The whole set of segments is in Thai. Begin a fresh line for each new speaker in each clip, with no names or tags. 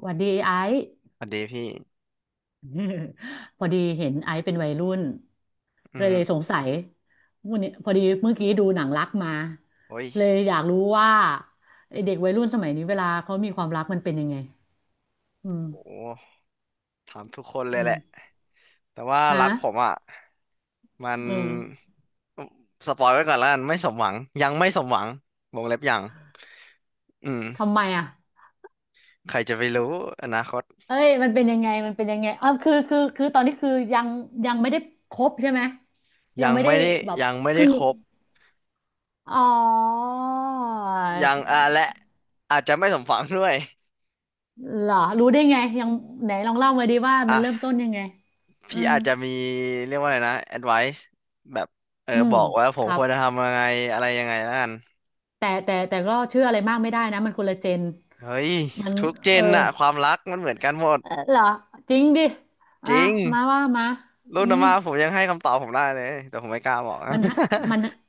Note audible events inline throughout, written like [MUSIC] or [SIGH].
หวัดดีไอซ์
สวัสดีพี่
[LAUGHS] พอดีเห็นไอซ์เป็นวัยรุ่น
อื
เลยสง
ม
สัยวันนี้พอดีเมื่อกี้ดูหนังรักมา
โอ้ย
เลยอยากรู้ว่าไอ้เด็กวัยรุ่นสมัยนี้เวลาเขามีความรักมันเป็นยังไงอืม
โหถามทุกคนเล
อื
ยแห
ม
ละ แต่ว่า
ฮะ
รักผมอ่ะมัน
เออ
สปอยไว้ก่อนแล้วกันไม่สมหวังยังไม่สมหวังวงเล็บยังอื
ทำ
ม
ไมอ่ะ
ใครจะไปรู้อนาคต
เอ้ยมันเป็นยังไงมันเป็นยังไงอ๋อคือตอนนี้คือยังยังไม่ได้คบใช่ไหมยั
ยั
ง
ง
ไม่ได้
ไม่ได้
แบบ
ยังไม่
ค
ได้
รึ่ง
ครบ
อ๋อ
ยังอ่ะและ อาจจะไม่สมหวัง [LAUGHS] ด้วย
เหรอรู้ได้ไงยังไหนลองเล่ามาดีว่ามัน
อ่ะ
เริ่มต้นยังไงอื
พี่
ม
อาจจะมีเรียกว่าอะไรนะ advice แบบเออ
อื
บ
ม
อกว่าผ
ค
ม
รั
ค
บ
วรจะทำยังไงอะไรยังไงแล้วกัน
แต่ก็เชื่ออะไรมากไม่ได้นะมันคนละเจน
เฮ้ย
มัน
ทุกเจ
เออ
นอะความรักมันเหมือนกันหมด
เออเหรอจริงดิ
จ
อ่ะ
ริง
มาว่ามา
รุ่
อื
นอา
ม
ม่าผมยังให้คำตอบผมได้เลยแต่ผมไม่กล้าบอก
มันให้มัน
[LAUGHS]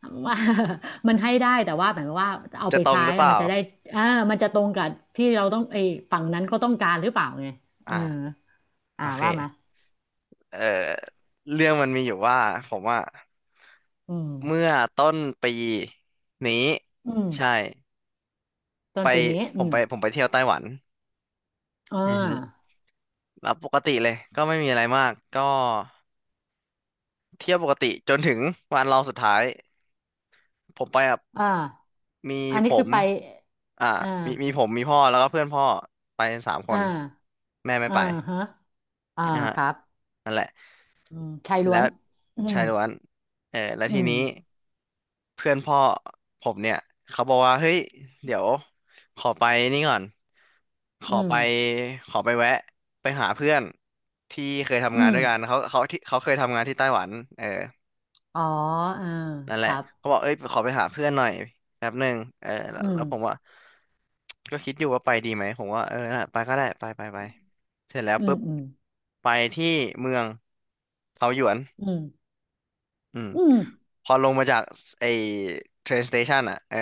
[LAUGHS] มันให้ได้แต่ว่าหมายความว่าเอา
จะ
ไป
ตรง
ใช้
หรือเปล่า
มันจะได้อ่ามันจะตรงกับที่เราต้องไอ้ฝั่งนั้นก็ต้องการหรือเปล่าไงเออ
อ่าโอ
อ่า
เค
ว่ามา
เอ่อเรื่องมันมีอยู่ว่าผมว่า
อืม
เมื่อต้นปีนี้
อืม
ใช่
ต้
ไป
นปีนี้อืม
ผมไปเที่ยวไต้หวัน
อ่
อือฮึ
า
แล้วปกติเลยก็ไม่มีอะไรมากก็เที่ยวปกติจนถึงวันรองสุดท้ายผมไปกับ
อ่า
มี
อัน
ผ
นี้คือ
ม
ไป
อ่า
อ่า
มีผมมีพ่อแล้วก็เพื่อนพ่อไปสามค
อ่า
นแม่ไม่
อ่า
ไป
ฮะอ่า
นะฮะ
ครับอืมชายล้
แล้
วน
ว
อื
ชา
ม
ยล้วนเออแล้ว
อื
ที
ม
นี้เพื่อนพ่อผมเนี่ยเขาบอกว่าเฮ้ยเดี๋ยวขอไปนี่ก่อนข
อื
อ
ม
ไปขอไปแวะไปหาเพื่อนที่เคย
อื
ทำงาน
ม
ด้วยกันเขาที่เขาเคยทำงานที่ไต้หวันเออ
อ๋ออ่า
นั่น
ค
แหละ
รับ
เขาบอกเอ้ยขอไปหาเพื่อนหน่อยแป๊บหนึ่งเออ
อืม
แล้วผมว่าก็คิดอยู่ว่าไปดีไหมผมว่าเออน่ะไปก็ได้ไปไปไปเสร็จแล้ว
อืม
ปุ๊บ
อืม
ไปที่เมืองเทาหยวน
อืม
อืม
อืม
พอลงมาจากไอ้ train station อ่ะเออ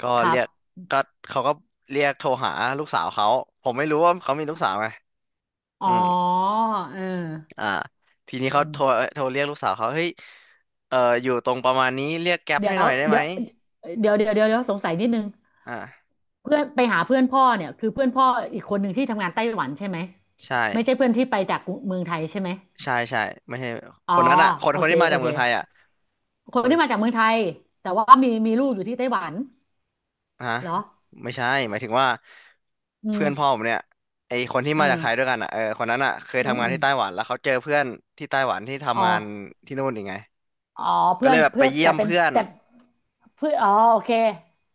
ก็
ครั
เรียก
บ
ก็เขาก็เรียกโทรหาลูกสาวเขาผมไม่รู้ว่าเขามีลูกสาวไง
อ๋
อื
อ
ม
เอ
อ่า
อ
ทีนี้
อื
เขา
ม
โทรเรียกลูกสาวเขาเฮ้ยเอออยู่ตรงประมาณนี้เรียกแก๊ป
เดี๋ย
ให้ห
ว
น่อยได้ไห
เดี๋
ม
ยวเดี๋ยวเดี๋ยวเดี๋ยวเดี๋ยวสงสัยนิดนึง
อ่า
เพื่อนไปหาเพื่อนพ่อเนี่ยคือเพื่อนพ่ออีกคนหนึ่งที่ทำงานไต้หวันใช่ไหม
ใช่
ไม่ใช่เพื่อนที่ไปจากเมืองไทยใช่ไหม
ใช่ใช่ไม่ใช่
อ๋อ
คนนั้นอ่ะ
โอ
คน
เค
ที่มา
โอ
จาก
เค
เมืองไทยอ่ะ
คน
โอ้ย
ที่มาจากเมืองไทย แต่ว่ามีลูกอยู่ที่ไต้หวัน
ฮะ
เหรอ
ไม่ใช่หมายถึงว่า
อื
เพื่อนพ่อ
ม
ผมเนี่ยไอคนที่
เอ
มาจากไทยด้ว
อ
ยกันอ่ะเออคนนั้นอ่ะเคย
อืม
ทำงา
อื
น
ม
ที่ไต้หวันแล้วเขาเจอเพื่อนที่ไต้หวันที่
อ๋อ
ทำงานที่นู่นอีกไง
อ๋อ
ก็
เพื่อ
เล
น
ยแบบไป
เพื่อน
เยี่ย
แต่
ม
เป็น
เพื่อน
แต่เพื่อนอ๋อโอเค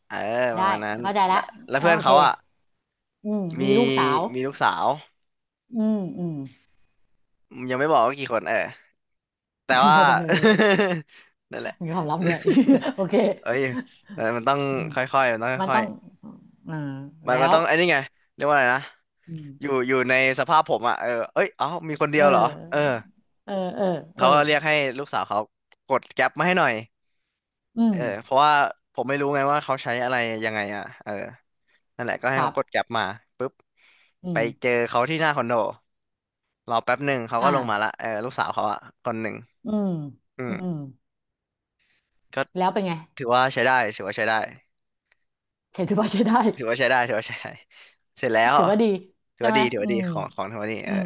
เออป
ได้
ระมาณนั้น
เข้าใจแล้
แล้
ว
วแล้ว
เอ่า
เพื่อน
โอเค
เขาอ่ะ
อืม
มี
มีลูกสาว
มีลูกสาว
อืมอืม
ยังไม่บอกว่ากี่คนเออแต่ว่า
[LAUGHS]
[LAUGHS] นั่นแหละ
มีความลับด้วย [LAUGHS] โอเค
[LAUGHS] เอ้ยมันมันต้อง
อืม
ค่อยๆมันต้อง
มัน
ค่อ
ต้
ย
องอ่า
ๆมัน
แล้
มัน
ว
ต้องไอ้นี่ไงเรียกว่าอะไรนะ
อืม
อยู่ในสภาพผมอ่ะเออเอ้ยเอ้ามีคน
เ
เดียวเหรอเออ
ออเออเออเออ
เขาก็เรียกให้ลูกสาวเขากดแก๊ปมาให้หน่อย
อื
เอ
ม
อเพราะว่าผมไม่รู้ไงว่าเขาใช้อะไรยังไงอ่ะเออนั่นแหละก็
ค
ให้
รั
เขากด
บ
แก๊ปมาปุ๊บ
อื
ไป
ม
เจอเขาที่หน้าคอนโดรอแป๊บหนึ่งเขาก็ลงมาละ
อ่า
เออลูกสาวเขาอะคนหนึ่ง
อืม
อื
อื
ม
ม
ก็
แล้วเป็นไง
ถือว่าใช้ได้ถือว่าใช้ได้
ถือ
อืม
ว่าใช้ได้
ถือว่าใช้ได้ถือว่าใช้ได้เสร็จแล้ว
[LAUGHS] ถือว่าดี
ถือ
ใช่
ว่า
ไหม
ดีถือ
อื
ว่าดี
ม
ของของถือว่าดีเอ
อื
อ
ม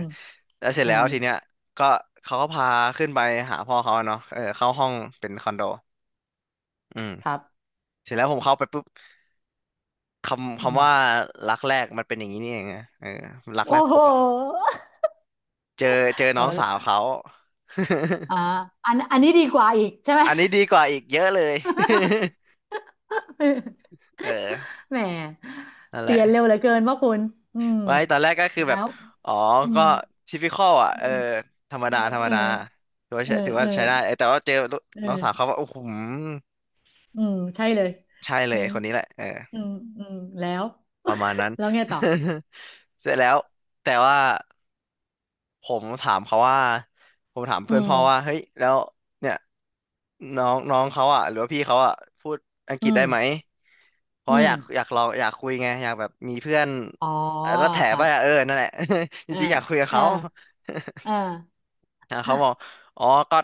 แล้วเสร็จ
เออ
แล้วทีเนี้ยก็เขาก็พาขึ้นไปหาพ่อเขาอะเนาะเออเข้าห้องเป็นคอนโดอืม
ครับ
เสร็จแล้วผมเข้าไปปุ๊บคำ
อื
คำ
ม
ว่ารักแรกมันเป็นอย่างนี้นี่เองอะเออรักแร
โอ้
กผ
โห
มอะเจอเจอน้องสาว
เอา
เขา [LAUGHS]
อ่าอันอันนี้ดีกว่าอีกใช่ไหม
อันนี้ดีกว่าอีกเยอะเลย
[LAUGHS]
[LAUGHS] เออ
แหม
นั่น
เป
แหละ
ลี่ยนเร็วเหลือเกินว่าคุณอืม
ไว้ตอนแรกก็คือ
แล้
แบบ
ว
อ๋อ
อื
ก็
ม
ทิปิคอลอ่ะ
อื
เออ
ม
ธรรม
เอ
ดา
อ
ธรรม
เออ
ดาถือว่า
เอ
ใช้
อ
ถือ
เอ
ว่า
อ
ใช้ได้เออแต่ว่าเจอ
เออ
น้องสาวเขาว่าโอ้โห
อืมใช่เลย
ใช่เล
เออ
ยคนนี้แหละเออ
อืมอืมแล้ว
ประมาณนั้น
[LAUGHS] แล้วไงต่อ
[LAUGHS] เสร็จแล้วแต่ว่า ผมถามเขาว่าผมถาม
อื
เพื่อน
ม
พ่อว่าเฮ้ยแล้วเนี่ยน้องน้องเขาอ่ะหรือว่าพี่เขาอ่ะพูดอังก
อื
ฤษ
ม
ได้ไหมเพ
อื
ราะ
ม
อยากลองอยากคุยไงอยากแบบมีเพื่อน
อ๋อ
เออก็แถ
ครั
ไป
บ
อ่ะเออนั่นแหละ [LAUGHS] จ
อ่า
ริงๆอยากคุยกับ
อ่า
เขา
อ่า
[LAUGHS] อ่ะเขาบอก
[GASPS]
อ๋อก็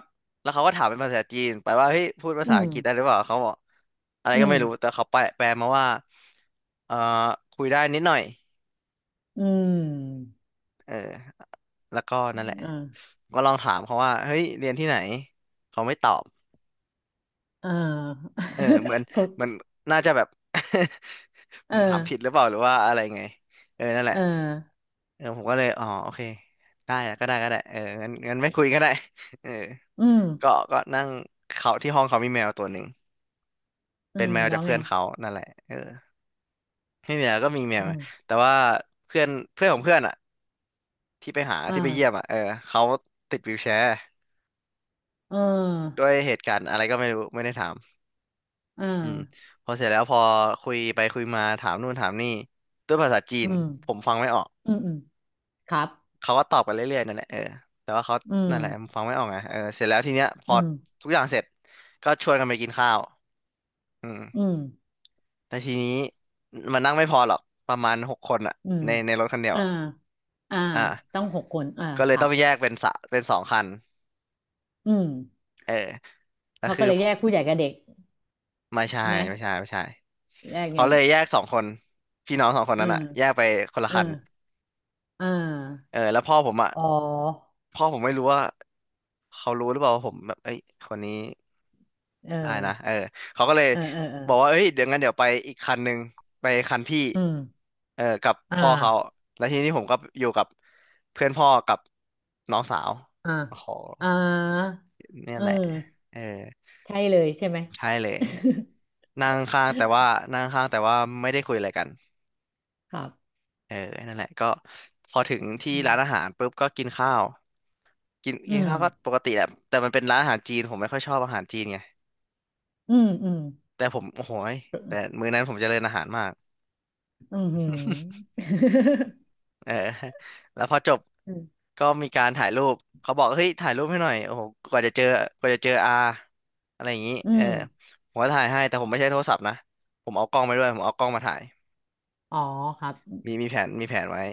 แล้วเขาก็ถามเป็นภาษาจีนไปว่าเฮ้ยพูดภา
อื
ษาอั
ม
งกฤษได้หรือเปล่าเขาบอกอะไร
อื
ก็
ม
ไม่รู้แต่เขาแปลมาว่าเอ่อคุยได้นิดหน่อย
อืม
เออ แล้วก็นั่นแหละ
เออ
ก็ลองถามเขาว่าเฮ้ยเรียนที่ไหนเขาไม่ตอบ
เออ
เออ
[LAUGHS] เขา
เหมือนน่าจะแบบ [LAUGHS] ผ
เออ
มถามผิดหรือเปล่าหรือว่าอะไรไงเออนั่นแห
เอ
ละ
อ
เออผมก็เลยอ๋อโอเคได้อะก็ได้ก็ได้เอองั้นงั้นไม่คุยก็ได้ [LAUGHS] เออ
อืม
ก็นั่งเขาที่ห้องเขามีแมวตัวหนึ่ง
อื
เป็น
ม
แมว
แล้
จา
ว
ก
ไง
เพื่อนเขานั่นแหละเออไม่มีอะไรก็มีแม
อื
ว
ม
แต่ว่าเพื่อนเพื่อนของเพื่อนอ่ะที่ไปหา
อ
ที่ไปเยี่ยม
่า
อ่ะเออเขาติดวีลแชร์
เอ
ด้
อ
วยเหตุการณ์อะไรก็ไม่รู้ไม่ได้ถาม
อ่
อืม
า
พอเสร็จแล้วพอคุยไปคุยมาถามนู่นถามนี่ด้วยภาษาจี
อื
น
ม
ผมฟังไม่ออก
อืมอืมครับ
เขาก็ตอบกันเรื่อยๆนั่นแหละเออแต่ว่าเขา
อืม
นั่นแหละฟังไม่ออกไงเออเสร็จแล้วทีเนี้ยพ
อื
อ
ม
ทุกอย่างเสร็จก็ชวนกันไปกินข้าวอื
อื
ม
ม
แต่ทีนี้มันนั่งไม่พอหรอกประมาณหกคนอะ
อืม
ในรถคันเดียว
อ่า
อะ
อ่า
อ่า
ต้องหกคนอ่า
ก็
ค
เลย
รั
ต้
บ
องแยกเป็นสองคัน
อืม
เออแล้ว
เขา
คื
ก็
อ
เลยแยกผู้ใหญ่กับเด็ก
ไม่ใช่
ไหม
ไม่ใช่
แยกไง
เขาเลยแยกสองคนพี่น้องสองคน
อื
นั้น
ม
อะแยกไปคนละ
เออ
คัน
อ่า
เออแล้วพ่อผมอ่ะ
อ๋อ
พ่อผมไม่รู้ว่าเขารู้หรือเปล่าว่าผมแบบเอ้ยคนนี้
เออ
ได้นะเออเขาก็เลย
เออเออเออ
บอกว่าเอ้ยเดี๋ยวงั้นเดี๋ยวไปอีกคันหนึ่งไปคันพี่
อืม
เออกับ
อ่า
พ่อเขาแล้วทีนี้ผมก็อยู่กับเพื่อนพ่อกับน้องสาว
อ่า
โอ้โห
อ่า
เนี่ย
เออ
แหละเออ
ใช่เลยใช่ไหม
ใช่เลยนั่งข้างแต่ว่า
[LAUGHS]
นั่งข้างแต่ว่าไม่ได้คุยอะไรกัน
ครับ
เออนั่นแหละก็พอถึงที่
อืม
ร้านอาหารปุ๊บก็กินข้าว กิน
อื
กิน
ม
ข้าวก็ปกติแหละแต่มันเป็นร้านอาหารจีนผมไม่ค่อยชอบอาหารจีนไง
อืมอืม
แต่ผมโอ้โหยแต่มื้อนั้นผมเจริญอาหารมาก
อืมหืม
เออ [LAUGHS] แล้วพอจบ
[LAUGHS] อืม [LAUGHS]
ก็มีการถ่ายรูปเขาบอกเฮ้ยถ่ายรูปให้หน่อยโอ้โหกว่าจะเจอกว่าจะเจออาอะไรอย่างนี้
อื
เออ
ม
ผมก็ถ่ายให้แต่ผมไม่ใช้โทรศัพท์นะผมเอากล้องไปด้วยผมเอากล้องมาถ่าย
อ๋อครับ
มีแผนมีแผนไว้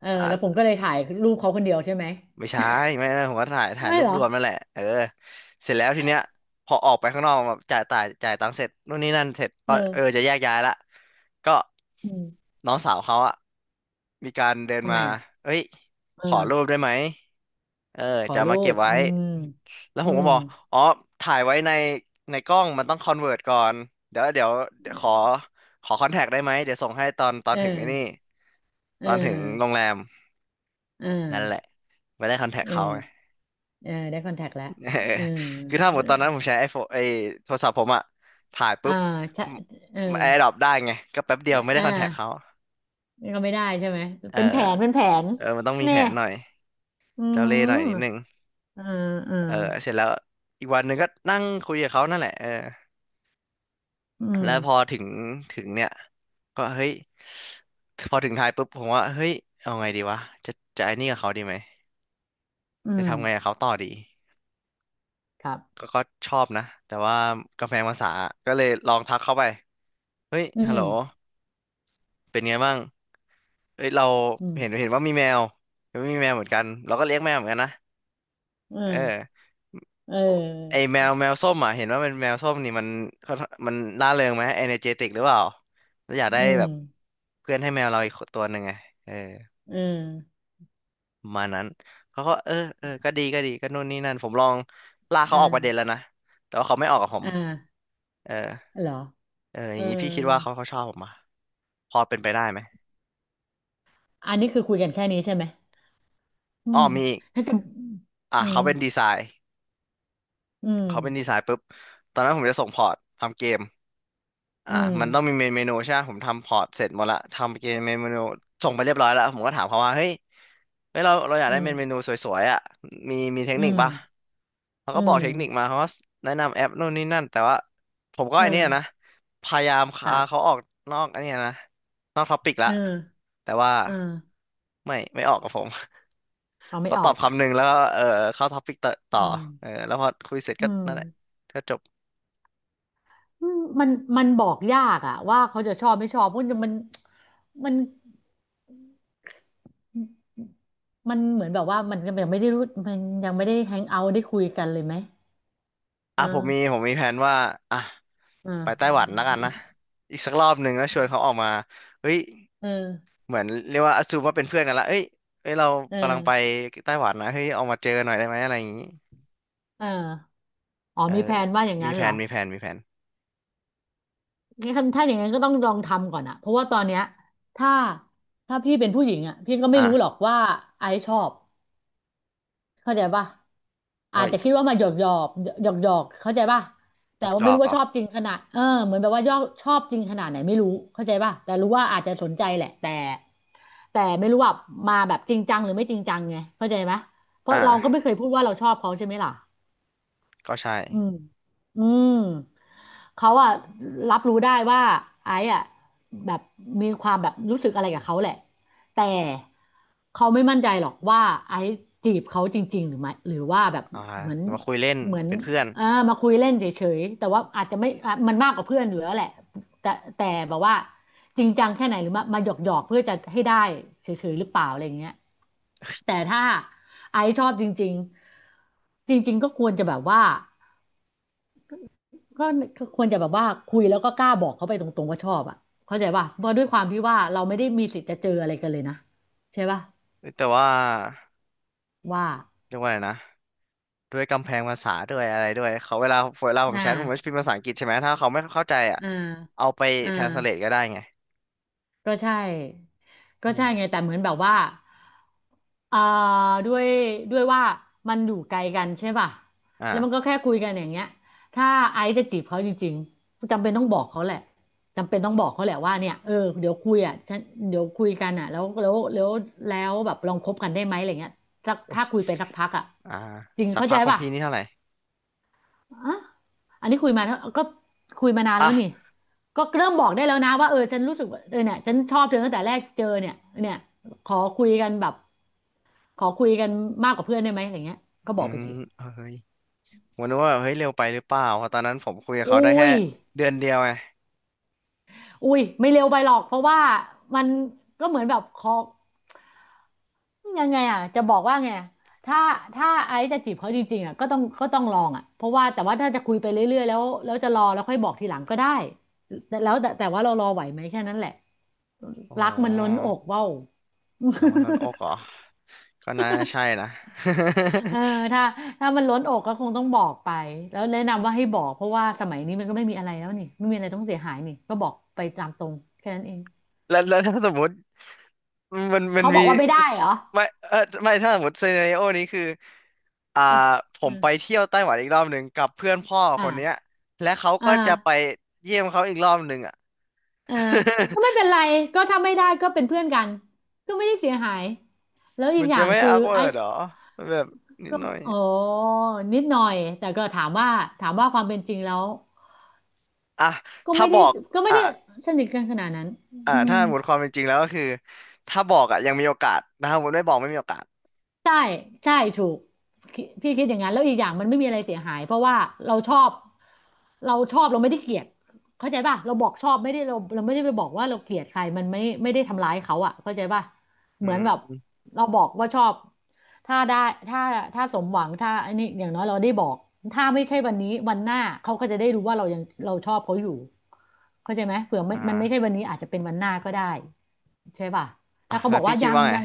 เออแล้วผม
อ่า
ก็เลยถ่ายรูปเขาคนเดียวใช่ไหม
ไม่ใช่ไม่ไม่ผมก็ถ่าย
ไม่
รู
เห
ป
รอ
รวมนั่นแหละเออเสร็จแล้วทีเนี้ยพอออกไปข้างนอกแบบจ่ายตังค์เสร็จนู่นนี่นั่นเสร็จ
เอ
ก็
อ
เออจะแยกย้ายละก็
อืม
น้องสาวเขาอะมีการเดิน
ทำ
มา
ไมอ่ะ
เอ้ย
เอ
ข
อ
อรูปได้ไหมเออ
ขอ
จะเอา
รู
มาเก็บ
ป
ไว้
อืม
แล้วผ
อื
มก็
ม
บอกอ๋อถ่ายไว้ในในกล้องมันต้องคอนเวิร์ตก่อนเดี๋ยวเดี๋ยวเดี๋ยวขอคอนแทคได้ไหมเดี๋ยวส่งให้ตอน
เอ
ถึงไอ้นี่
อเ
ตอนถึงโร
ออ
งแรม
เอ
นั่นแหละ
อ
ไม่ได้คอนแทค
เอ
เขา
อเออได้คอนแทคแล้ว
[LAUGHS] เออ
เออ
คือถ้าห
เอ
ม
อ
ดตอนนั้นผมใช้ไอโฟนโทรศัพท์ผมอะถ่าย
อ่า
ปุ๊บ
ใช่เออ
แอร์ดรอปได้ไงก็แป๊บเดี
อ
ยวไม่ได้
่า
คอนแทคเขา
นี่ก็ไม่ได้ใช่ไหม
เออ
เป็นแผนเป็นแผน
เออมันต้องมี
เนี่
แผ
ย
นหน่อย
อื
เจ้าเล่ห์หน่อยนิดนึง
มเออเออ
เออเสร็จแล้วอีกวันหนึ่งก็นั่งคุยกับเขานั่นแหละเออ
อืม
แล้วพอถึงเนี่ยก็เฮ้ยพอถึงไทยปุ๊บผมว่าเฮ้ยเอาไงดีวะจะจะไอ้นี่กับเขาดีไหม
อื
จะ
ม
ทำไงกับเขาต่อดี
ครับ
ก็ชอบนะแต่ว่ากำแพงภาษาก็เลยลองทักเข้าไปเฮ้ย
อื
ฮัลโหล
ม
เป็นไงบ้าง เอ้ยเรา
อืม
เห็นว่ามีแมวเห็นว่ามีแมวเหมือนกันเราก็เลี้ยงแมวเหมือนกันนะ
เออ
เออ
เ
ไอ
ออ
แมวส้มอ่ะเห็นว่าเป็นแมวส้มนี่มันเขามันร่าเริงไหมเอเนเจติกหรือเปล่าแล้วอยากได้
อื
แบ
ม
บเพื่อนให้แมวเราอีกตัวหนึ่งไงเออ
เออ
ประมาณนั้นเขาก็เออเออก็ดีก็ดีก็นู่นนี่นั่นผมลองลาก
เอ
เขา
อ
ออกประเด็นแล้วนะแต่ว่าเขาไม่ออกกับผม
อ่า
เออ
เหรอ
เอออ
เออ
ย่างนี้พี่คิดว่าเขาชอบผมอ่ะพอเป็นไปได้ไหม
อันนี้คือคุยกันแค่นี้ใช่ไหมอื
อ้อ
ม
มีอีก
ถ้าจะ
อ่ะ
อืม
เขาเป็นดีไซน์
อืม
เขาเป็นดีไซน์ปุ๊บตอนนั้นผมจะส่งพอร์ตทำเกมอ่า
อืม
มันต้องมีเมนูใช่ไหมผมทำพอร์ตเสร็จหมดละทำเกมเมนูส่งไปเรียบร้อยแล้วผมก็ถามเขาว่าเฮ้ยเราอยาก
อื
ได้
ม
เมนูสวยๆอ่ะมีเทค
อื
นิค
ม
ปะเขา
อื
ก็บอก
ม
เทคนิคมาเขาก็แนะนำแอปนู่นนี่นั่นแต่ว่าผมก็
เอ
ไอ้นี่นะ
อ
พยายาม
ค
พา
รั
เขาอ
บ
อกนอกไอ้นี่นะนอกท็อปิกละ
เออ
แต่ว่า
เออ
ไม่ออกกับผม [LAUGHS]
ฟังไม่
เขา
อ
ต
อ
อบ
ก
คำหนึ่งแล้วก็เออเข้าท็อปิกต่อ
อืม
เออแล้วพอคุยเสร็จ
อื
ก็
ม
นั่นแหละก็จบ
อืมมันบอกยากอะว่าเขาจะชอบไม่ชอบเพราะมันนมันเหมือนแบบว่ามันยังไม่ได้รู้มันยังไม่ได้แฮงเอาท์ได้คุยกันเลยไหมเ
อ่ะผมมี
ออ
ผมมีแผนว่าอ่ะ
เอ
ไปไต้หวันแล้
อ
วกันนะอีกสักรอบหนึ่งแล้วชวนเขาออกมาเฮ้ย
เออ
เหมือนเรียกว่าอ s ซูมว่าเป็นเพื่อนกันละเอ้ยเอ้ยเรา
เออ
กำลังไปไต้หวันนะเฮ้ยออกมาเจอหน่อยได้ไหมอะไรอย่างงี้
เอออ๋อ
เออ
มีแผนว่าอย่าง
มี
นั้น
แผ
เหรอ
นมีแผนมีแผน
งั้นถ้าอย่างนั้นก็ต้องลองทำก่อนอะเพราะว่าตอนเนี้ยถ้าถ้าพี่เป็นผู้หญิงอะพี่ก็ไม่รู้หรอ
อ่ะ
กว่าไอซ์ชอบ เข้าใจป่ะ
โอ้
อาจ
ย
จะคิดว่ามาหยอกหยอกหยอกๆเข้าใจป่ะ
จ
แต่
อก
ว่า
จ
ไม่
อก
รู้ว่า
อ๋อ
ชอบจริงขนาดเออเหมือนแบบว่ายอกชอบจริงขนาดไหนไม่รู้เข้าใจป่ะแต่รู้ว่าอาจจะสนใจแหละแต่ไม่รู้ว่าแบบจริงจังหรือไม่จริงจังไงเข้าใจไหมเพราะเราก็ไม่
อ่ะ
เคยพูดว่าเราชอบเขาใช่ไหมล่ะ
ก็ใช่
อืม อืม เขาอะรับรู้ได้ว่าไอ้อะแบบมีความแบบรู้สึกอะไรกับเขาแหละแต่เขาไม่มั่นใจหรอกว่าไอ้จีบเขาจริงๆหรือไม่หรือว่าแบบ
อ่า
เหมือน
มาคุยเล่น
เหมือน
เป็นเพื่อน
เออมาคุยเล่นเฉยๆแต่ว่าอาจจะไม่อ่ะมันมากกว่าเพื่อนอยู่แล้วแหละแต่แต่แบบว่าจริงจังแค่ไหนหรือมาหยอกหยอกเพื่อจะให้ได้เฉยๆหรือเปล่าอะไรอย่างเงี้ยแต่ถ้าไอซ์ชอบจริงๆจริงๆก็ควรจะแบบว่า ก็ก็ควรจะแบบว่าคุยแล้วก็กล้าบอกเขาไปตรงๆว่าชอบอ่ะเข้าใจป่ะเพราะด้วยความที่ว่าเราไม่ได้มีสิทธิ์จะเจออะไรกันเลยนะใช่ป่ะ
เอ้ยแต่ว่า
ว่า
เรียกว่าอะไรนะด้วยกำแพงภาษาด้วยอะไรด้วยเขาเวลาผม
อ่
แชทผมก็จะพิ
า
มพ์ภาษาอังกฤษใช่ไหมถ้าเขาไม่เข้าใจอ่ะ
อ่า
เอาไป
อ่า
translate ก็ได้ไง
ก็ใช่ก็
อื
ใช่
ม
ไงแต่เหมือนแบบว่าเอ่อด้วยว่ามันอยู่ไกลกันใช่ป่ะแล้วมันก็
อ่า
แค่คุยกันอย่างเงี้ย ถ้าไอซ์จะจีบเขาจริงๆจำเป็นต้องบอกเขาแหละจำเป็นต้องบอกเขาแหละว่าเนี่ยเออเดี๋ยวคุยอ่ะฉันเดี๋ยวคุยกันอ่ะแล้วแบบลองคบกันได้ไหมอะไรเงี้ยสัก
โอ้ย
ถ้าคุยไปสักพักอ่ะ
อ่า
จริง
สัก
เข้า
พั
ใจ
กของ
ป่ะ
พี่นี่เท่าไหร่
อ่ะอันนี้คุยมาแล้วก็คุยมานานแล้วนี่
อ่ะ
ก็เริ่มบอกได้แล้วนะว่าเออฉันรู้สึกว่าเออเนี่ยฉันชอบเธอตั้งแต่แรกเจอเนี่ยเนี่ยขอคุยกันแบบขอคุยกันมากกว่าเพื่อนได้ไหมอย่างเงี้ยก็
อื
บอกไป
ม
สิ
เฮ้ยผมนึกว่าแบบเฮ้ยเร็วไปหรือเปล่าเพราะตอนนั้นผมคุยกับ
อุ้
เขาได้แค่
ย
เดือนเดียวไง
อุ้ยไม่เร็วไปหรอกเพราะว่ามันก็เหมือนแบบขอ ยังไงอ่ะจะบอกว่าไงอะถ้าถ้าไอซ์จะจีบเขาจริงๆอ่ะก็ต้องลองอ่ะเพราะว่าแต่ว่าถ้าจะคุยไปเรื่อยๆแล้วจะรอแล้วค่อยบอกทีหลังก็ได้แต่แล้วแต่แต่ว่าเรารอไหวไหมแค่นั้นแหละ
อ๋อ
รักมันล้นอกเว้า [LAUGHS]
รางวัลลดอกเหรอก็น่าใช่นะ
เออถ้าถ้ามันล้นอกก็คงต้องบอกไปแล้วแนะนำว่าให้บอกเพราะว่าสมัยนี้มันก็ไม่มีอะไรแล้วนี่ไม่มีอะไรต้องเสียหายนี่ก็บอกไปตามตรงแค่นั้นเอง
[LAUGHS] แล้วถ้าสมมติมัน
เขาบ
มี
อกว่าไม่ได้
ส
เหรอ
ไม่เออไม่ถ้าสมมติซีนาริโอนี้คืออ่า
เ
ผ
ออ
มไปเที่ยวไต้หวันอีกรอบหนึ่งกับเพื่อนพ่อ
อ่า
คนเนี้ยและเขา
อ่า
ก็จะไปเยี่ยมเขาอีกรอบหนึ่งอ่ะ
เออ
[LAUGHS]
ก็ไม่เป็นไรก็ถ้าไม่ได้ก็เป็นเพื่อนกันก็ไม่ได้เสียหายแล้วอี
มั
ก
น
อย่า
จะ
ง
ไม่
คือ
อ w k w
ไอ้
เ r d หรอมันแบบนิด
ก็
หน่อย
อ๋อนิดหน่อยแต่ก็ถามว่าความเป็นจริงแล้ว
อ่ะ
ก็
ถ้า
ไม่
บ
ได้
อก
ก็ไม่
อ่ะ
ได้สนิทกันขนาดนั้น
อ่ะ
อืม
ถ้าหมดความเป็นจริงแล้วก็คือถ้าบอกอ่ะยังมีโอกาสนะถ้าหมดไม่บอกไม่มีโอกาส
ใช่ใช่ถูกพี่คิดอย่างนั้นแล้วอีกอย่างมันไม่มีอะไรเสียหายเพราะว่าเราชอบเราชอบเราไม่ได้เกลียดเข้าใจป่ะเราบอกชอบไม่ได้เราไม่ได้ไปบอกว่าเราเกลียดใครมันไม่ได้ทำร้ายเขาอ่ะเข้าใจป่ะ
อื
เหมือนแบบ
ม
เราบอกว่าชอบถ้าได้ถ้าถ้าสมหวังถ้าอันนี้อย่างน้อยเราได้บอกถ้าไม่ใช่วันนี้วันหน้าเขาก็จะได้รู้ว่าเราชอบเขาอยู่เข้าใจไหมเผื่อมัน
อ่า
มันไม่ใช่วันนี้อาจจะเป็นวันหน้าก็ได้ใช่ป่ะ
อ่ะ
ถ้าเขา
แล้
บ
ว
อก
พี่
ว่า
คิ
ยั
ด
ง
ว่าไง
ยัง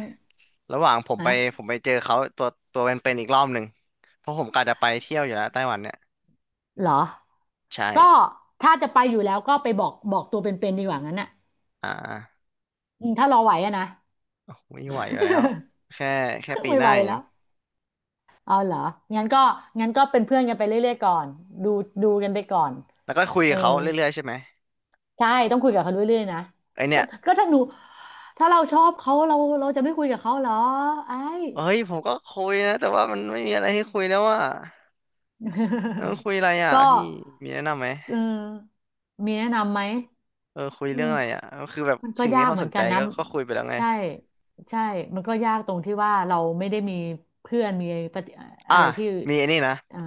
ระหว่างผมไป
ฮะ
เจอเขาตัวเป็นๆอีกรอบหนึ่งเพราะผมกะจะไปเที่ยวอยู่แล้วไต้หวันเนี่ย
เหรอ
ใช่
ก็ถ้าจะไปอยู่แล้วก็ไปบอกตัวเป็นๆดีกว่างั้นน่ะ
อ่า
อืมถ้ารอไหวอะนะ
ไม่ไหวอยู่แล้วแค่
[LAUGHS]
ปี
ไม่
ห
ไห
น้า
ว
เอ
แล้
ง
วเอาเหรองั้นก็งั้นก็เป็นเพื่อนกันไปเรื่อยๆก่อนดูดูกันไปก่อน
แล้วก็คุย
เอ
กั
อ
บเขาเรื่อยๆใช่ไหม
ใช่ต้องคุยกับเขาเรื่อยๆนะ
ไอเนี่
ก็
ย
ก็ถ้าเราชอบเขาเราจะไม่คุยกับเขาเหรอไอ้
เฮ้ยผมก็คุยนะแต่ว่ามันไม่มีอะไรให้คุยแล้วว่าแล้วมันคุยอะไรอ่ะ
[LAUGHS] ก็
พี่มีแนะนำไหม
เออมีแนะนำไหม
เออคุย
อื
เรื่อง
ม
อะไรอ่ะก็คือแบบ
มันก็
สิ่ง
ยา
นี้
ก
เขา
เหมื
ส
อน
นใจ
กันนะ
ก็คุยไปแล้วไง
ใช่ใช่ มันก็ยากตรงที่ว่าเราไม่ได้มีเพื่อนมีปฏิ
อ่ะ
อะไรที่
มีไอ้นี่นะ
อ่า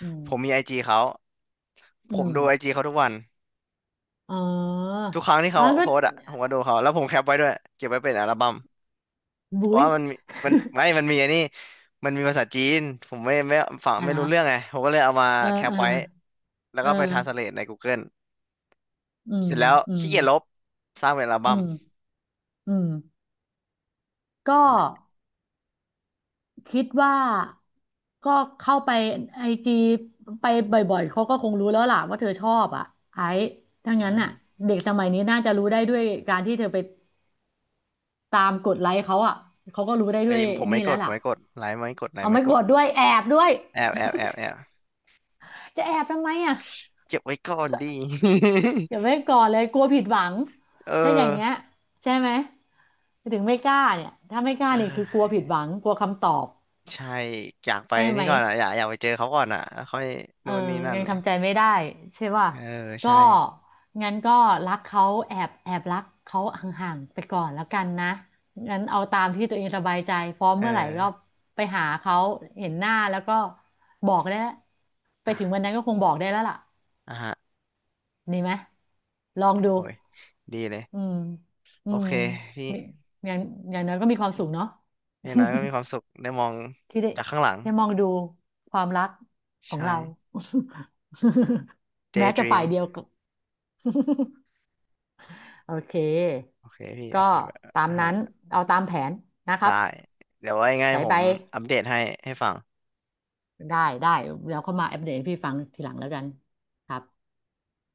อืม
ผมมีไอจีเขา
อื
ผม
ม
ดูไอจีเขาทุกวัน
เอ๋อ
ทุกครั้งที่
อ๋อ
เขา
ก็
โพสต์อ่ะผมก็ดูเขาแล้วผมแคปไว้ด้วยเก็บไว้เป็นอัลบั้มเพ
บุ๋
ราะ
ย
ว่ามันมี
[LAUGHS]
มันมีไอ้นี่มันมีภาษาจีนผมไม่ฟัง
อ่ะ
ไม่
เหรอ
รู้เรื่องไงผมก็เลยเอามา
เออ
แคป
เออ
ไว้แล้ว
เอ
ก็ไปทรานสเล
อ
ทในกูเกิ e
อื
เส
ม
ร็จแล้ว
อื
ขี้
ม
เกียจลบสร้างเป็นอัล
อื
บั้ม
มอืมก็คิดว่าก็เข้าไปไอจีไปบ่อยๆเขาก็คงรู้แล้วล่ะว่าเธอชอบอ่ะไอ้ถ้า
ไอ
งั้นน่ะ
้
เด็กสมัยนี้น่าจะรู้ได้ด้วยการที่เธอไป ตามกดไลค์เขาอ่ะเขาก็รู้ได้ด้
ไอ้
ว
ย
ย
ผม
นี่
ไม่ก
แล้ว
ดผ
ล่ะ
มไม่กดไลค์ไม่กดไลค์
เอา
ไม่
ไม่
ก
ก
ด
ดด้วยแอบด้วย
แอบ
จะแอบทำไมอ่ะ
เก็บไว้ก่อนดี
อย่าไว้ก่อนเลยกลัวผิดหวัง
[LAUGHS] เอ
ถ้าอย่าง
อ
เงี้ยใช่ไหมถึงไม่กล้าเนี่ยถ้าไม่กล้า
เอ
นี่คือกลัวผิด
อ
หวังกลัวคำตอบ
ใช่อยากไป
ใช่ไหม
นี่ก่อนอ่ะอยากไปเจอเขาก่อนอ่ะแล้วค่อย
เออ
นู่นนี่นั่น
ยัง
เนี่ย
ทำใจไม่ได้ใช่ป่ะ
เออ
ก็
ใช่
งั้นก็รักเขาแอบแอบรักเขาห่างๆไปก่อนแล้วกันนะงั้นเอาตามที่ตัวเองสบายใจพร้อม
เอ
เมื่อไหร่ก็
อ
ไปหาเขาเห็นหน้าแล้วก็บอกได้แล้วไปถึงวั
อ่ะ
นนั้นก็คงบอกได้แล้วล่ะ
อ่ะฮะ
ดีไหมลองดู
โอ้ยดีเลย
อืมอื
โอ
ม
เคพี่
มีอย่างอย่างน้อยก็มีความสุขเนาะ
อย่างน้อยก็มีความสุขได้มอง
[LAUGHS] ที่ได้
จากข้างหลัง
ได้มองดูความรักของ
ใช่
เรา [LAUGHS] แม้จะฝ่ายเดี
Daydream
ยว [LAUGHS] โอเค
โอเคพี่
ก็
โอเคแบบ
ตาม
อ่ะ
นั้น
ฮะ
เอาตามแผนนะครั
ได้
บ
เดี๋ยวว่ายังไง
ไป
ผ
ไป
มอัปเดตให้ฟัง
ได้ได้เดี๋ยวเข้ามาอัปเดตให้พี่ฟังทีหลังแล้วกันครับ